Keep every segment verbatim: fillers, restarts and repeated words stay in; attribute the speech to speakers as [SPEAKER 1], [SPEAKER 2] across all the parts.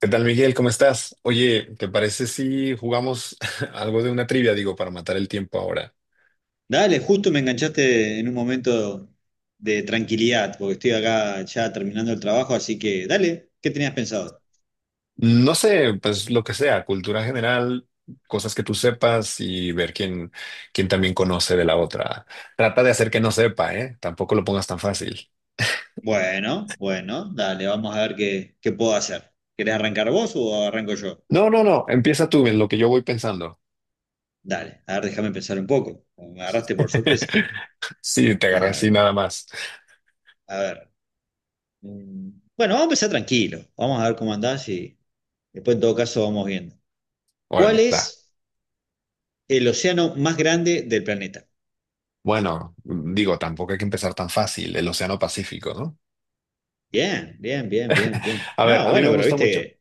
[SPEAKER 1] ¿Qué tal, Miguel? ¿Cómo estás? Oye, ¿te parece si jugamos algo de una trivia, digo, para matar el tiempo ahora?
[SPEAKER 2] Dale, justo me enganchaste en un momento de tranquilidad, porque estoy acá ya terminando el trabajo, así que dale, ¿qué tenías pensado?
[SPEAKER 1] No sé, pues lo que sea, cultura general, cosas que tú sepas y ver quién, quién también conoce de la otra. Trata de hacer que no sepa, ¿eh? Tampoco lo pongas tan fácil.
[SPEAKER 2] Bueno, bueno, dale, vamos a ver qué, qué puedo hacer. ¿Querés arrancar vos o arranco yo?
[SPEAKER 1] No, no, no, empieza tú en lo que yo voy pensando.
[SPEAKER 2] Dale, a ver, déjame pensar un poco, me agarraste por sorpresa.
[SPEAKER 1] Sí, te agarré
[SPEAKER 2] Eh,
[SPEAKER 1] así nada más.
[SPEAKER 2] a ver, mm, bueno, vamos a empezar tranquilo, vamos a ver cómo andás y después en todo caso vamos viendo. ¿Cuál
[SPEAKER 1] Órale, da.
[SPEAKER 2] es el océano más grande del planeta?
[SPEAKER 1] Bueno, digo, tampoco hay que empezar tan fácil, el Océano Pacífico, ¿no?
[SPEAKER 2] Bien, bien, bien, bien, bien.
[SPEAKER 1] A ver,
[SPEAKER 2] No,
[SPEAKER 1] a mí me
[SPEAKER 2] bueno, pero
[SPEAKER 1] gusta mucho.
[SPEAKER 2] viste.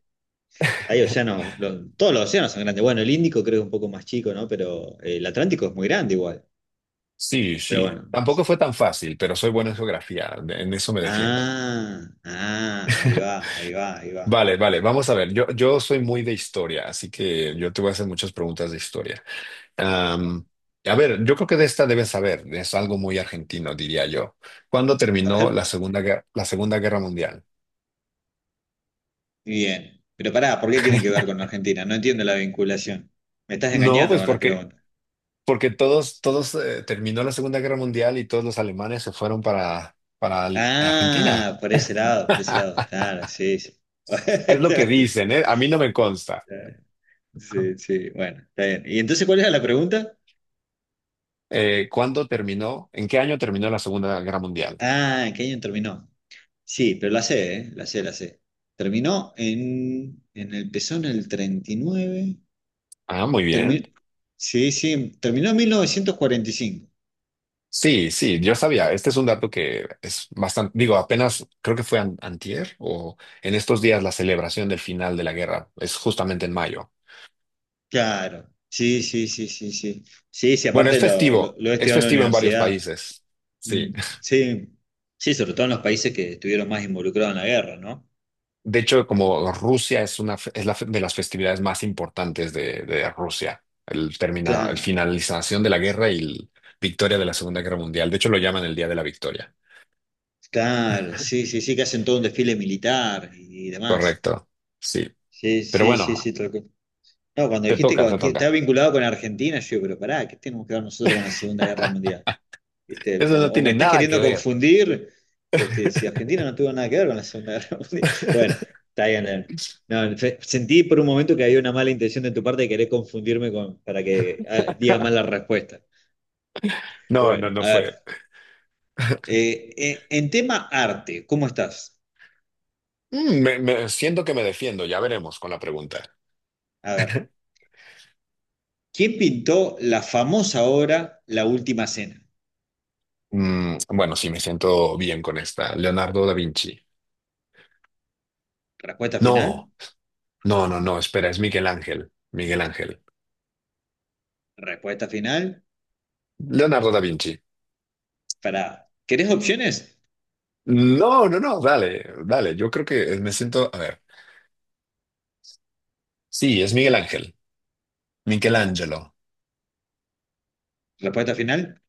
[SPEAKER 2] Hay océanos, lo- todos los océanos son grandes. Bueno, el Índico creo que es un poco más chico, ¿no? Pero eh, el Atlántico es muy grande igual.
[SPEAKER 1] Sí,
[SPEAKER 2] Pero
[SPEAKER 1] sí.
[SPEAKER 2] bueno.
[SPEAKER 1] Tampoco fue tan fácil, pero soy bueno en geografía, en eso me defiendo.
[SPEAKER 2] Ah, ah, ahí va, ahí va, ahí va.
[SPEAKER 1] Vale, vale, vamos a ver. Yo, yo soy muy de historia, así que yo te voy a hacer muchas preguntas de historia.
[SPEAKER 2] Bueno,
[SPEAKER 1] Am, a ver, yo creo que de esta debes saber, es algo muy argentino, diría yo. ¿Cuándo
[SPEAKER 2] a
[SPEAKER 1] terminó
[SPEAKER 2] ver,
[SPEAKER 1] la Segunda Guerra, la Segunda Guerra Mundial?
[SPEAKER 2] bien. Pero pará, ¿por qué tiene que ver con Argentina? No entiendo la vinculación. Me estás
[SPEAKER 1] No,
[SPEAKER 2] engañando
[SPEAKER 1] pues
[SPEAKER 2] con la
[SPEAKER 1] porque,
[SPEAKER 2] pregunta.
[SPEAKER 1] porque todos, todos eh, terminó la Segunda Guerra Mundial y todos los alemanes se fueron para, para Argentina.
[SPEAKER 2] Ah, por ese lado, por ese lado. Claro, sí, sí.
[SPEAKER 1] Es lo que dicen, ¿eh? A mí no me consta.
[SPEAKER 2] Sí, sí, bueno, está bien. ¿Y entonces cuál era la pregunta?
[SPEAKER 1] Eh, ¿cuándo terminó? ¿En qué año terminó la Segunda Guerra Mundial?
[SPEAKER 2] Ah, ¿en qué año terminó? Sí, pero la sé, ¿eh? La sé, la sé. Terminó en, en el pezón el treinta y nueve.
[SPEAKER 1] Ah, muy bien.
[SPEAKER 2] Termi- sí, sí, terminó en mil novecientos cuarenta y cinco.
[SPEAKER 1] Sí, sí, yo sabía. Este es un dato que es bastante, digo, apenas creo que fue an- antier o en estos días la celebración del final de la guerra es justamente en mayo.
[SPEAKER 2] Claro. Sí, sí, sí, sí, sí. Sí, sí,
[SPEAKER 1] Bueno, es
[SPEAKER 2] aparte lo, lo,
[SPEAKER 1] festivo,
[SPEAKER 2] lo he
[SPEAKER 1] es
[SPEAKER 2] estudiado en la
[SPEAKER 1] festivo en varios
[SPEAKER 2] universidad.
[SPEAKER 1] países. Sí.
[SPEAKER 2] Mm, sí, sí, sobre todo en los países que estuvieron más involucrados en la guerra, ¿no?
[SPEAKER 1] De hecho, como Rusia es una fe- es la fe- de las festividades más importantes de, de Rusia, el termina, el
[SPEAKER 2] Claro,
[SPEAKER 1] finalización de la guerra y la victoria de la Segunda Guerra Mundial. De hecho, lo llaman el Día de la Victoria.
[SPEAKER 2] claro, sí, sí, sí, que hacen todo un desfile militar y, y demás.
[SPEAKER 1] Correcto. Sí.
[SPEAKER 2] Sí,
[SPEAKER 1] Pero
[SPEAKER 2] sí, sí,
[SPEAKER 1] bueno,
[SPEAKER 2] sí, tal cual. No, cuando
[SPEAKER 1] te
[SPEAKER 2] dijiste
[SPEAKER 1] toca, te
[SPEAKER 2] que
[SPEAKER 1] toca.
[SPEAKER 2] estaba vinculado con Argentina, yo digo, pero pará, ¿qué tenemos que ver nosotros con la Segunda Guerra Mundial? ¿Viste?
[SPEAKER 1] Eso
[SPEAKER 2] O,
[SPEAKER 1] no
[SPEAKER 2] o me
[SPEAKER 1] tiene
[SPEAKER 2] estás
[SPEAKER 1] nada que
[SPEAKER 2] queriendo
[SPEAKER 1] ver.
[SPEAKER 2] confundir, este, si Argentina no tuvo nada que ver con la Segunda Guerra Mundial. Bueno, está bien, Leandro. No, fe- sentí por un momento que había una mala intención de tu parte de querer confundirme con, para que ah, diga mal la respuesta.
[SPEAKER 1] No, no,
[SPEAKER 2] Bueno,
[SPEAKER 1] no
[SPEAKER 2] a ver.
[SPEAKER 1] fue.
[SPEAKER 2] eh, eh, en tema arte, ¿cómo estás?
[SPEAKER 1] Mm, me, me- siento que me defiendo, ya veremos con la pregunta.
[SPEAKER 2] A ver, ¿quién pintó la famosa obra La Última Cena?
[SPEAKER 1] Mm, bueno, sí, me siento bien con esta. Leonardo da Vinci.
[SPEAKER 2] Respuesta
[SPEAKER 1] No,
[SPEAKER 2] final,
[SPEAKER 1] no, no, no, espera, es Miguel Ángel. Miguel Ángel.
[SPEAKER 2] respuesta final.
[SPEAKER 1] Leonardo da Vinci.
[SPEAKER 2] Para, ¿querés opciones?
[SPEAKER 1] No, no, no, dale, dale. Yo creo que me siento, a ver. Sí, es Miguel Ángel. Michelangelo.
[SPEAKER 2] Respuesta final.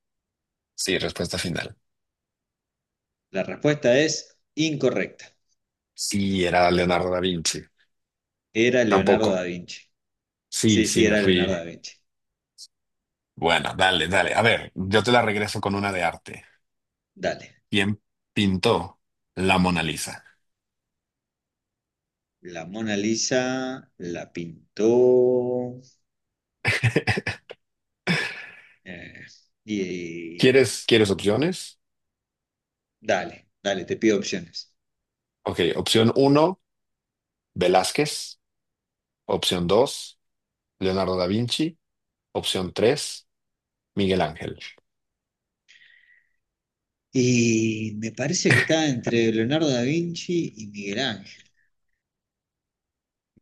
[SPEAKER 1] Sí, respuesta final.
[SPEAKER 2] La respuesta es incorrecta.
[SPEAKER 1] Sí, era Leonardo da Vinci.
[SPEAKER 2] Era
[SPEAKER 1] Tampoco.
[SPEAKER 2] Leonardo da Vinci.
[SPEAKER 1] Sí,
[SPEAKER 2] Sí,
[SPEAKER 1] sí,
[SPEAKER 2] sí,
[SPEAKER 1] me
[SPEAKER 2] era Leonardo
[SPEAKER 1] fui.
[SPEAKER 2] da Vinci.
[SPEAKER 1] Bueno, dale, dale. A ver, yo te la regreso con una de arte.
[SPEAKER 2] Dale.
[SPEAKER 1] ¿Quién pintó la Mona Lisa?
[SPEAKER 2] La Mona Lisa la pintó. eh, y, y-
[SPEAKER 1] ¿Quieres, quieres opciones?
[SPEAKER 2] dale, dale, te pido opciones.
[SPEAKER 1] Ok, opción uno, Velázquez. Opción dos, Leonardo da Vinci. Opción tres, Miguel Ángel.
[SPEAKER 2] Y me parece que está entre Leonardo da Vinci y Miguel Ángel.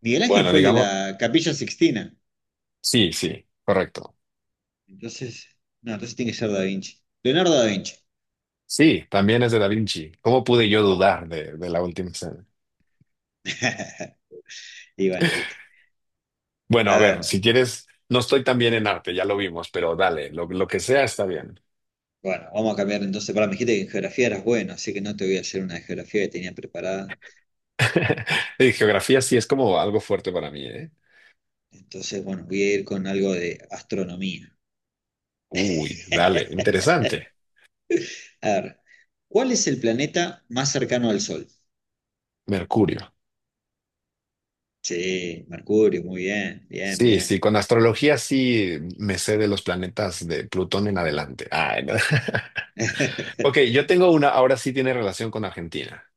[SPEAKER 2] Miguel Ángel
[SPEAKER 1] Bueno,
[SPEAKER 2] fue el de
[SPEAKER 1] digamos,
[SPEAKER 2] la Capilla Sixtina.
[SPEAKER 1] sí, sí, correcto.
[SPEAKER 2] Entonces, no, entonces tiene que ser da Vinci. Leonardo da Vinci.
[SPEAKER 1] Sí, también es de Da Vinci. ¿Cómo pude yo dudar de, de la última escena?
[SPEAKER 2] Y bueno, viste.
[SPEAKER 1] Bueno,
[SPEAKER 2] A
[SPEAKER 1] a ver,
[SPEAKER 2] ver.
[SPEAKER 1] si quieres, no estoy tan bien en arte, ya lo vimos, pero dale, lo, lo que sea está bien.
[SPEAKER 2] Bueno, vamos a cambiar entonces. Para, me dijiste que en geografía eras bueno, así que no te voy a hacer una de geografía que tenía preparada.
[SPEAKER 1] Y geografía sí es como algo fuerte para mí, ¿eh?
[SPEAKER 2] Entonces, bueno, voy a ir con algo de astronomía.
[SPEAKER 1] Uy, dale, interesante.
[SPEAKER 2] A ver, ¿cuál es el planeta más cercano al Sol?
[SPEAKER 1] Mercurio.
[SPEAKER 2] Sí, Mercurio, muy bien, bien,
[SPEAKER 1] Sí,
[SPEAKER 2] bien.
[SPEAKER 1] sí, con astrología sí me sé de los planetas de Plutón en adelante. Ah, no. Ok, yo tengo una, ahora sí tiene relación con Argentina.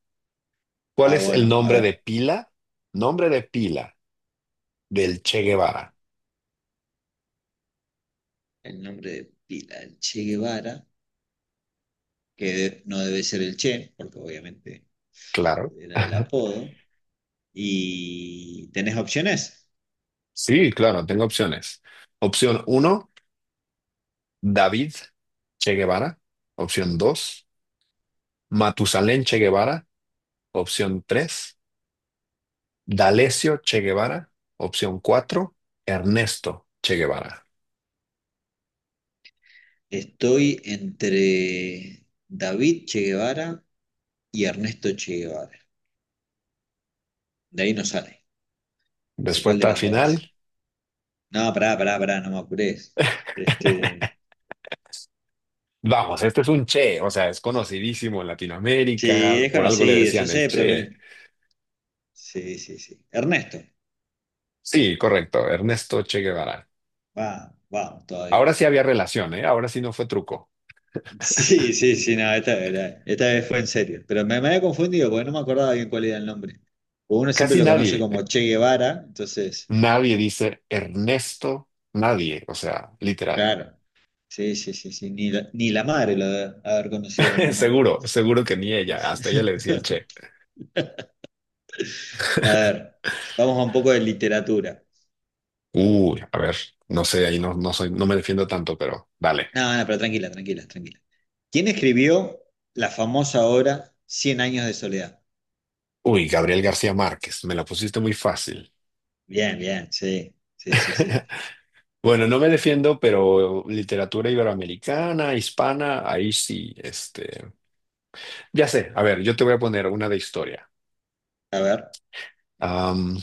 [SPEAKER 1] ¿Cuál
[SPEAKER 2] Ah,
[SPEAKER 1] es el
[SPEAKER 2] bueno, a
[SPEAKER 1] nombre de
[SPEAKER 2] ver,
[SPEAKER 1] pila? Nombre de pila del Che Guevara.
[SPEAKER 2] el nombre de pila del Che Guevara, que de- no debe ser el Che, porque obviamente
[SPEAKER 1] Claro.
[SPEAKER 2] era el apodo. ¿Y tenés opciones?
[SPEAKER 1] Sí, claro, tengo opciones. Opción uno, David Che Guevara. Opción dos, Matusalén Che Guevara. Opción tres. D'Alessio Che Guevara, opción cuatro. Ernesto Che Guevara.
[SPEAKER 2] Estoy entre David Che Guevara y Ernesto Che Guevara. De ahí no sale. Pero ¿cuál de
[SPEAKER 1] Respuesta
[SPEAKER 2] las dos
[SPEAKER 1] final.
[SPEAKER 2] es? No, pará, pará, pará, no me apures. Este,
[SPEAKER 1] Vamos, este es un Che, o sea, es conocidísimo en
[SPEAKER 2] sí,
[SPEAKER 1] Latinoamérica,
[SPEAKER 2] es
[SPEAKER 1] por algo le
[SPEAKER 2] conocido, yo
[SPEAKER 1] decían el
[SPEAKER 2] sé, pero
[SPEAKER 1] Che.
[SPEAKER 2] me. Sí, sí, sí. Ernesto.
[SPEAKER 1] Sí, correcto, Ernesto Che Guevara.
[SPEAKER 2] Va, vamos, todavía.
[SPEAKER 1] Ahora sí había relación, ¿eh? Ahora sí no fue truco.
[SPEAKER 2] Sí, sí, sí, no, esta, era- esta vez fue en serio. Pero me, me había confundido porque no me acordaba bien cuál era el nombre. Porque uno siempre
[SPEAKER 1] Casi
[SPEAKER 2] lo conoce
[SPEAKER 1] nadie,
[SPEAKER 2] como Che Guevara, entonces,
[SPEAKER 1] nadie dice Ernesto, nadie, o sea, literal.
[SPEAKER 2] claro. Sí, sí, sí, sí. Ni la, ni la madre lo debe haber conocido como Ernesto.
[SPEAKER 1] Seguro, seguro que ni ella, hasta ella le decía el Che.
[SPEAKER 2] A ver, vamos a un poco de literatura.
[SPEAKER 1] Uy, a ver, no sé, ahí no, no soy, no me defiendo tanto, pero dale.
[SPEAKER 2] No, no, pero tranquila, tranquila, tranquila. ¿Quién escribió la famosa obra Cien años de soledad?
[SPEAKER 1] Uy, Gabriel García Márquez, me la pusiste muy fácil.
[SPEAKER 2] Bien, bien, sí, sí, sí, sí.
[SPEAKER 1] Bueno, no me defiendo, pero literatura iberoamericana, hispana, ahí sí, este, ya sé, a ver, yo te voy a poner una de historia.
[SPEAKER 2] A ver.
[SPEAKER 1] Am,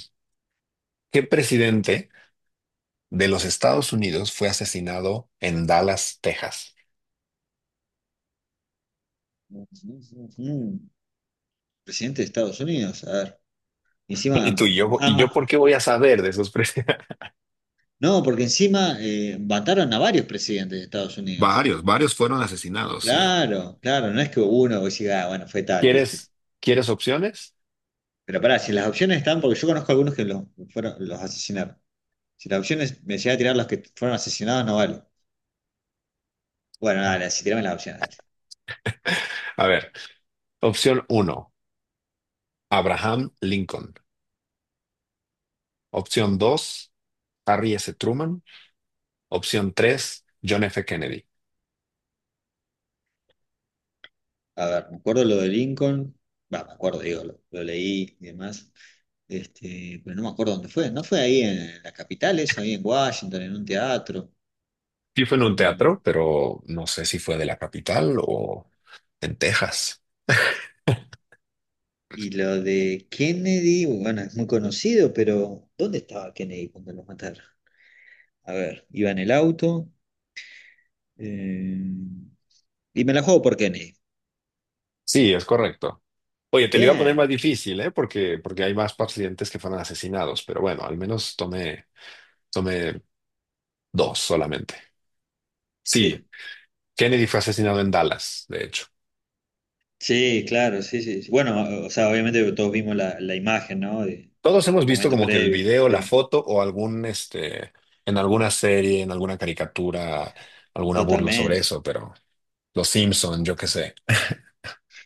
[SPEAKER 1] ¿qué presidente de los Estados Unidos fue asesinado en Dallas, Texas?
[SPEAKER 2] Mm, Presidente de Estados Unidos, a ver. Encima,
[SPEAKER 1] Y tú y yo, ¿y yo
[SPEAKER 2] ama-
[SPEAKER 1] por qué voy a saber de esos presidentes?
[SPEAKER 2] no, porque encima eh, mataron a varios presidentes de Estados Unidos.
[SPEAKER 1] Varios, varios fueron asesinados, sí.
[SPEAKER 2] Claro, claro, no es que uno vos diga, ah, bueno, fue tal, ¿viste?
[SPEAKER 1] ¿Quieres, quieres opciones?
[SPEAKER 2] Pero pará, si las opciones están, porque yo conozco algunos que los, fueron, los asesinaron. Si las opciones me llega a tirar los que fueron asesinados, no vale. Bueno, dale, si tirame las opciones, dale.
[SPEAKER 1] A ver, opción uno, Abraham Lincoln. Opción dos Harry S. Truman. Opción tres John F. Kennedy.
[SPEAKER 2] A ver, me acuerdo lo de Lincoln. Va, me acuerdo, digo, lo, lo leí y demás. Este, pero no me acuerdo dónde fue. ¿No fue ahí en la capital eso? Ahí en Washington, en un teatro.
[SPEAKER 1] Sí fue en un
[SPEAKER 2] Mm,
[SPEAKER 1] teatro, pero no sé si fue de la capital o en Texas.
[SPEAKER 2] Y lo de Kennedy, bueno, es muy conocido, pero ¿dónde estaba Kennedy cuando lo mataron? A ver, iba en el auto. eh, y me la juego por Kennedy.
[SPEAKER 1] Sí, es correcto. Oye, te lo iba a poner más
[SPEAKER 2] Bien,
[SPEAKER 1] difícil, ¿eh? Porque, porque hay más pacientes que fueron asesinados, pero bueno, al menos tomé, tomé dos solamente. Sí,
[SPEAKER 2] sí.
[SPEAKER 1] Kennedy fue asesinado en Dallas, de hecho.
[SPEAKER 2] Sí, claro, sí, sí, sí. Bueno, o sea, obviamente todos vimos la, la imagen, ¿no? De
[SPEAKER 1] Todos hemos visto
[SPEAKER 2] momento
[SPEAKER 1] como que el
[SPEAKER 2] previo,
[SPEAKER 1] video, la
[SPEAKER 2] sí,
[SPEAKER 1] foto o algún, este, en alguna serie, en alguna caricatura, alguna burla sobre
[SPEAKER 2] totalmente.
[SPEAKER 1] eso, pero Los Simpson, yo qué sé.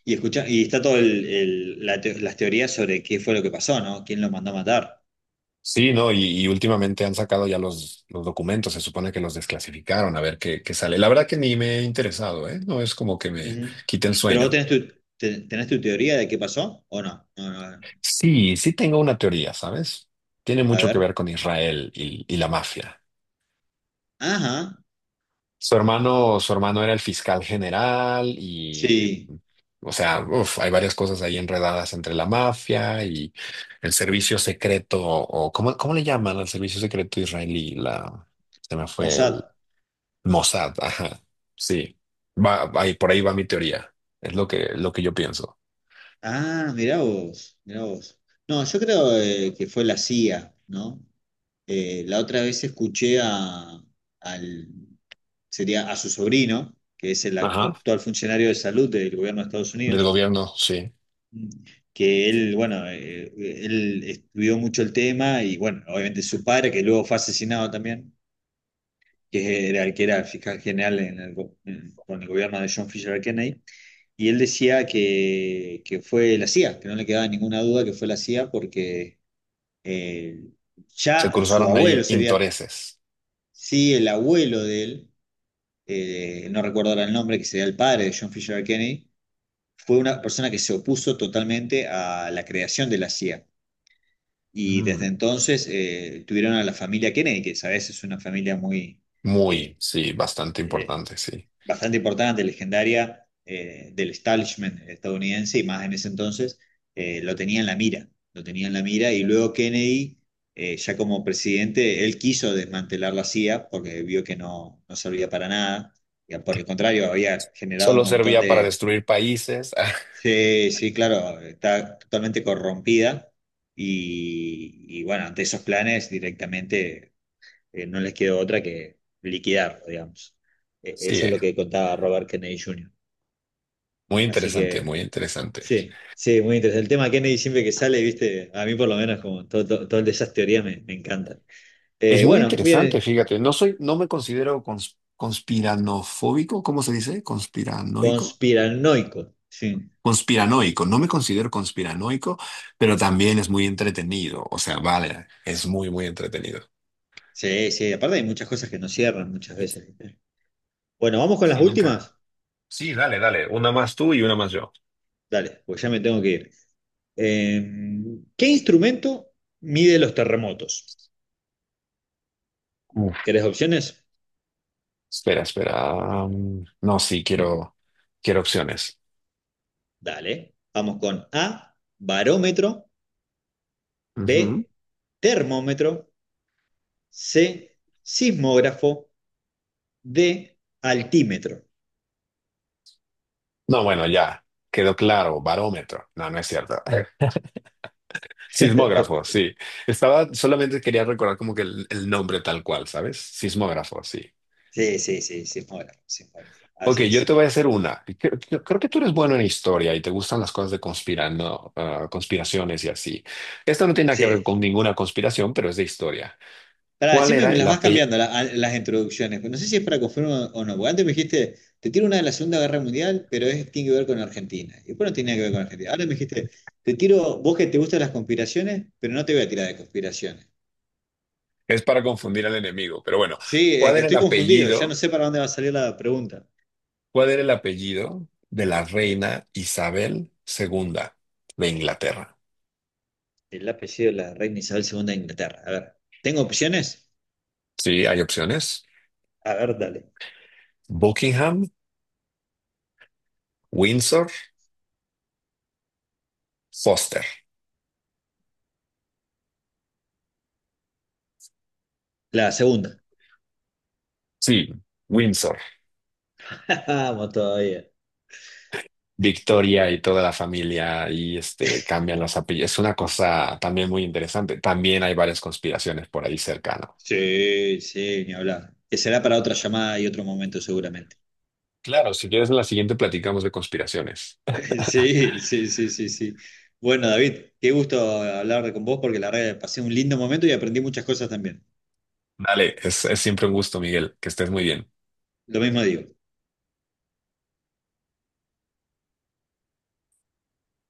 [SPEAKER 2] Y escucha, y está todo el, el- la teo- las teorías sobre qué fue lo que pasó, ¿no? ¿Quién lo mandó a matar?
[SPEAKER 1] Sí, ¿no? Y, y últimamente han sacado ya los, los documentos, se supone que los desclasificaron, a ver qué, qué sale. La verdad que ni me he interesado, ¿eh? No es como que me
[SPEAKER 2] Ujú.
[SPEAKER 1] quite el
[SPEAKER 2] Pero vos
[SPEAKER 1] sueño.
[SPEAKER 2] tenés tu, te- tenés tu teoría de qué pasó, ¿o no? No, no,
[SPEAKER 1] Sí, sí tengo una teoría, ¿sabes? Tiene
[SPEAKER 2] a
[SPEAKER 1] mucho que ver
[SPEAKER 2] ver.
[SPEAKER 1] con Israel y, y la mafia.
[SPEAKER 2] Ajá.
[SPEAKER 1] Su hermano, su hermano era el fiscal general y,
[SPEAKER 2] Sí.
[SPEAKER 1] o sea, uf, hay varias cosas ahí enredadas entre la mafia y el servicio secreto, o ¿cómo, cómo le llaman al servicio secreto israelí? La, se me fue
[SPEAKER 2] Mossad.
[SPEAKER 1] Mossad, ajá, sí. Va, ahí, por ahí va mi teoría. Es lo que, lo que yo pienso.
[SPEAKER 2] Ah, mirá vos, mirá vos. No, yo creo eh, que fue la C I A, ¿no? Eh, la otra vez escuché a, al sería a su sobrino, que es el
[SPEAKER 1] Ajá.
[SPEAKER 2] actual funcionario de salud del gobierno de Estados
[SPEAKER 1] Del
[SPEAKER 2] Unidos,
[SPEAKER 1] gobierno, sí.
[SPEAKER 2] que él, bueno, eh, él estudió mucho el tema y, bueno, obviamente su padre, que luego fue asesinado también, que era el que era fiscal general en el go- en- con el gobierno de John Fisher Kennedy, y él decía que, que fue la C I A, que no le quedaba ninguna duda que fue la C I A porque eh,
[SPEAKER 1] Se
[SPEAKER 2] ya su
[SPEAKER 1] cruzaron ahí
[SPEAKER 2] abuelo sería,
[SPEAKER 1] intereses.
[SPEAKER 2] sí, el abuelo de él, eh, no recuerdo ahora el nombre, que sería el padre de John Fisher Kennedy, fue una persona que se opuso totalmente a la creación de la C I A. Y desde
[SPEAKER 1] Mm,
[SPEAKER 2] entonces eh, tuvieron a la familia Kennedy, que sabes es una familia muy
[SPEAKER 1] muy,
[SPEAKER 2] eh,
[SPEAKER 1] sí, bastante
[SPEAKER 2] eh,
[SPEAKER 1] importante, sí.
[SPEAKER 2] bastante importante, legendaria eh, del establishment estadounidense, y más en ese entonces eh, lo tenía en la mira, lo tenía en la mira, y luego Kennedy, eh, ya como presidente, él quiso desmantelar la C I A porque vio que no, no servía para nada, y por el contrario había generado un
[SPEAKER 1] Solo
[SPEAKER 2] montón
[SPEAKER 1] servía para
[SPEAKER 2] de.
[SPEAKER 1] destruir países.
[SPEAKER 2] Sí, sí, claro, está totalmente corrompida y, y bueno, ante esos planes directamente eh, no les quedó otra que liquidar, digamos. E-
[SPEAKER 1] Sí,
[SPEAKER 2] eso es
[SPEAKER 1] eh,
[SPEAKER 2] lo que contaba Robert Kennedy junior
[SPEAKER 1] muy
[SPEAKER 2] Así
[SPEAKER 1] interesante,
[SPEAKER 2] que
[SPEAKER 1] muy interesante.
[SPEAKER 2] sí, sí, muy interesante. El tema de Kennedy siempre que sale, viste, a mí por lo menos como todo, todo- todas esas teorías me, me encantan.
[SPEAKER 1] Es
[SPEAKER 2] Eh,
[SPEAKER 1] muy
[SPEAKER 2] bueno,
[SPEAKER 1] interesante,
[SPEAKER 2] viene
[SPEAKER 1] fíjate. No soy, no me considero cons- conspiranofóbico, ¿cómo se dice? Conspiranoico.
[SPEAKER 2] conspiranoico. Sí,
[SPEAKER 1] Conspiranoico, no me considero conspiranoico, pero también es muy entretenido. O sea, vale, es muy, muy entretenido.
[SPEAKER 2] sí, sí, aparte hay muchas cosas que no cierran muchas veces. ¿Viste? Bueno, vamos con las
[SPEAKER 1] Sí, nunca.
[SPEAKER 2] últimas.
[SPEAKER 1] Sí, dale, dale. Una más tú y una más yo.
[SPEAKER 2] Dale, pues ya me tengo que ir. Em, ¿qué instrumento mide los terremotos?
[SPEAKER 1] Uf,
[SPEAKER 2] ¿Querés opciones?
[SPEAKER 1] espera, espera. Um, no, sí, quiero, quiero opciones.
[SPEAKER 2] Dale. Vamos con A, barómetro,
[SPEAKER 1] Ujú.
[SPEAKER 2] B, termómetro, C, sismógrafo, D, altímetro.
[SPEAKER 1] No, bueno, ya. Quedó claro, barómetro. No, no es cierto. Sismógrafo, sí. Estaba, solamente quería recordar como que el, el nombre tal cual, ¿sabes? Sismógrafo, sí.
[SPEAKER 2] Sí, sí, sí, sismógrafo, sismógrafo.
[SPEAKER 1] Ok,
[SPEAKER 2] Así
[SPEAKER 1] yo te
[SPEAKER 2] es.
[SPEAKER 1] voy a hacer una. Creo, creo- creo que tú eres bueno en historia y te gustan las cosas de conspirando, ah, conspiraciones y así. Esto no tiene nada que ver
[SPEAKER 2] Sí,
[SPEAKER 1] con ninguna conspiración, pero es de historia.
[SPEAKER 2] pará,
[SPEAKER 1] ¿Cuál
[SPEAKER 2] siempre
[SPEAKER 1] era
[SPEAKER 2] me las
[SPEAKER 1] el
[SPEAKER 2] vas
[SPEAKER 1] apellido?
[SPEAKER 2] cambiando la- a- las introducciones. Pero no sé si es para confirmar o no. Porque antes me dijiste, te tiro una de la Segunda Guerra Mundial, pero es, tiene que ver con Argentina. Y después no tiene nada que ver con Argentina. Ahora me dijiste, te tiro, vos que te gustan las conspiraciones, pero no te voy a tirar de conspiraciones.
[SPEAKER 1] Es para confundir al enemigo, pero bueno,
[SPEAKER 2] Sí, es
[SPEAKER 1] ¿cuál
[SPEAKER 2] que
[SPEAKER 1] era el
[SPEAKER 2] estoy confundido. Ya no
[SPEAKER 1] apellido?
[SPEAKER 2] sé para dónde va a salir la pregunta.
[SPEAKER 1] ¿Cuál era el apellido de la reina Isabel segunda de Inglaterra?
[SPEAKER 2] El apellido de la reina Isabel segunda de Inglaterra. A ver, ¿tengo opciones?
[SPEAKER 1] Sí, hay opciones.
[SPEAKER 2] A ver, dale.
[SPEAKER 1] Buckingham, Windsor, Foster.
[SPEAKER 2] La segunda.
[SPEAKER 1] Sí, Windsor.
[SPEAKER 2] Vamos todavía.
[SPEAKER 1] Victoria y toda la familia y este cambian los apellidos. Es una cosa también muy interesante. También hay varias conspiraciones por ahí cercano.
[SPEAKER 2] Sí, sí, ni hablar. Que será para otra llamada y otro momento seguramente.
[SPEAKER 1] Claro, si quieres en la siguiente platicamos de conspiraciones.
[SPEAKER 2] Sí, sí, sí, sí, sí. Bueno, David, qué gusto hablar con vos porque la verdad que pasé un lindo momento y aprendí muchas cosas también.
[SPEAKER 1] Dale, es, es siempre un gusto, Miguel, que estés muy bien.
[SPEAKER 2] Lo mismo digo.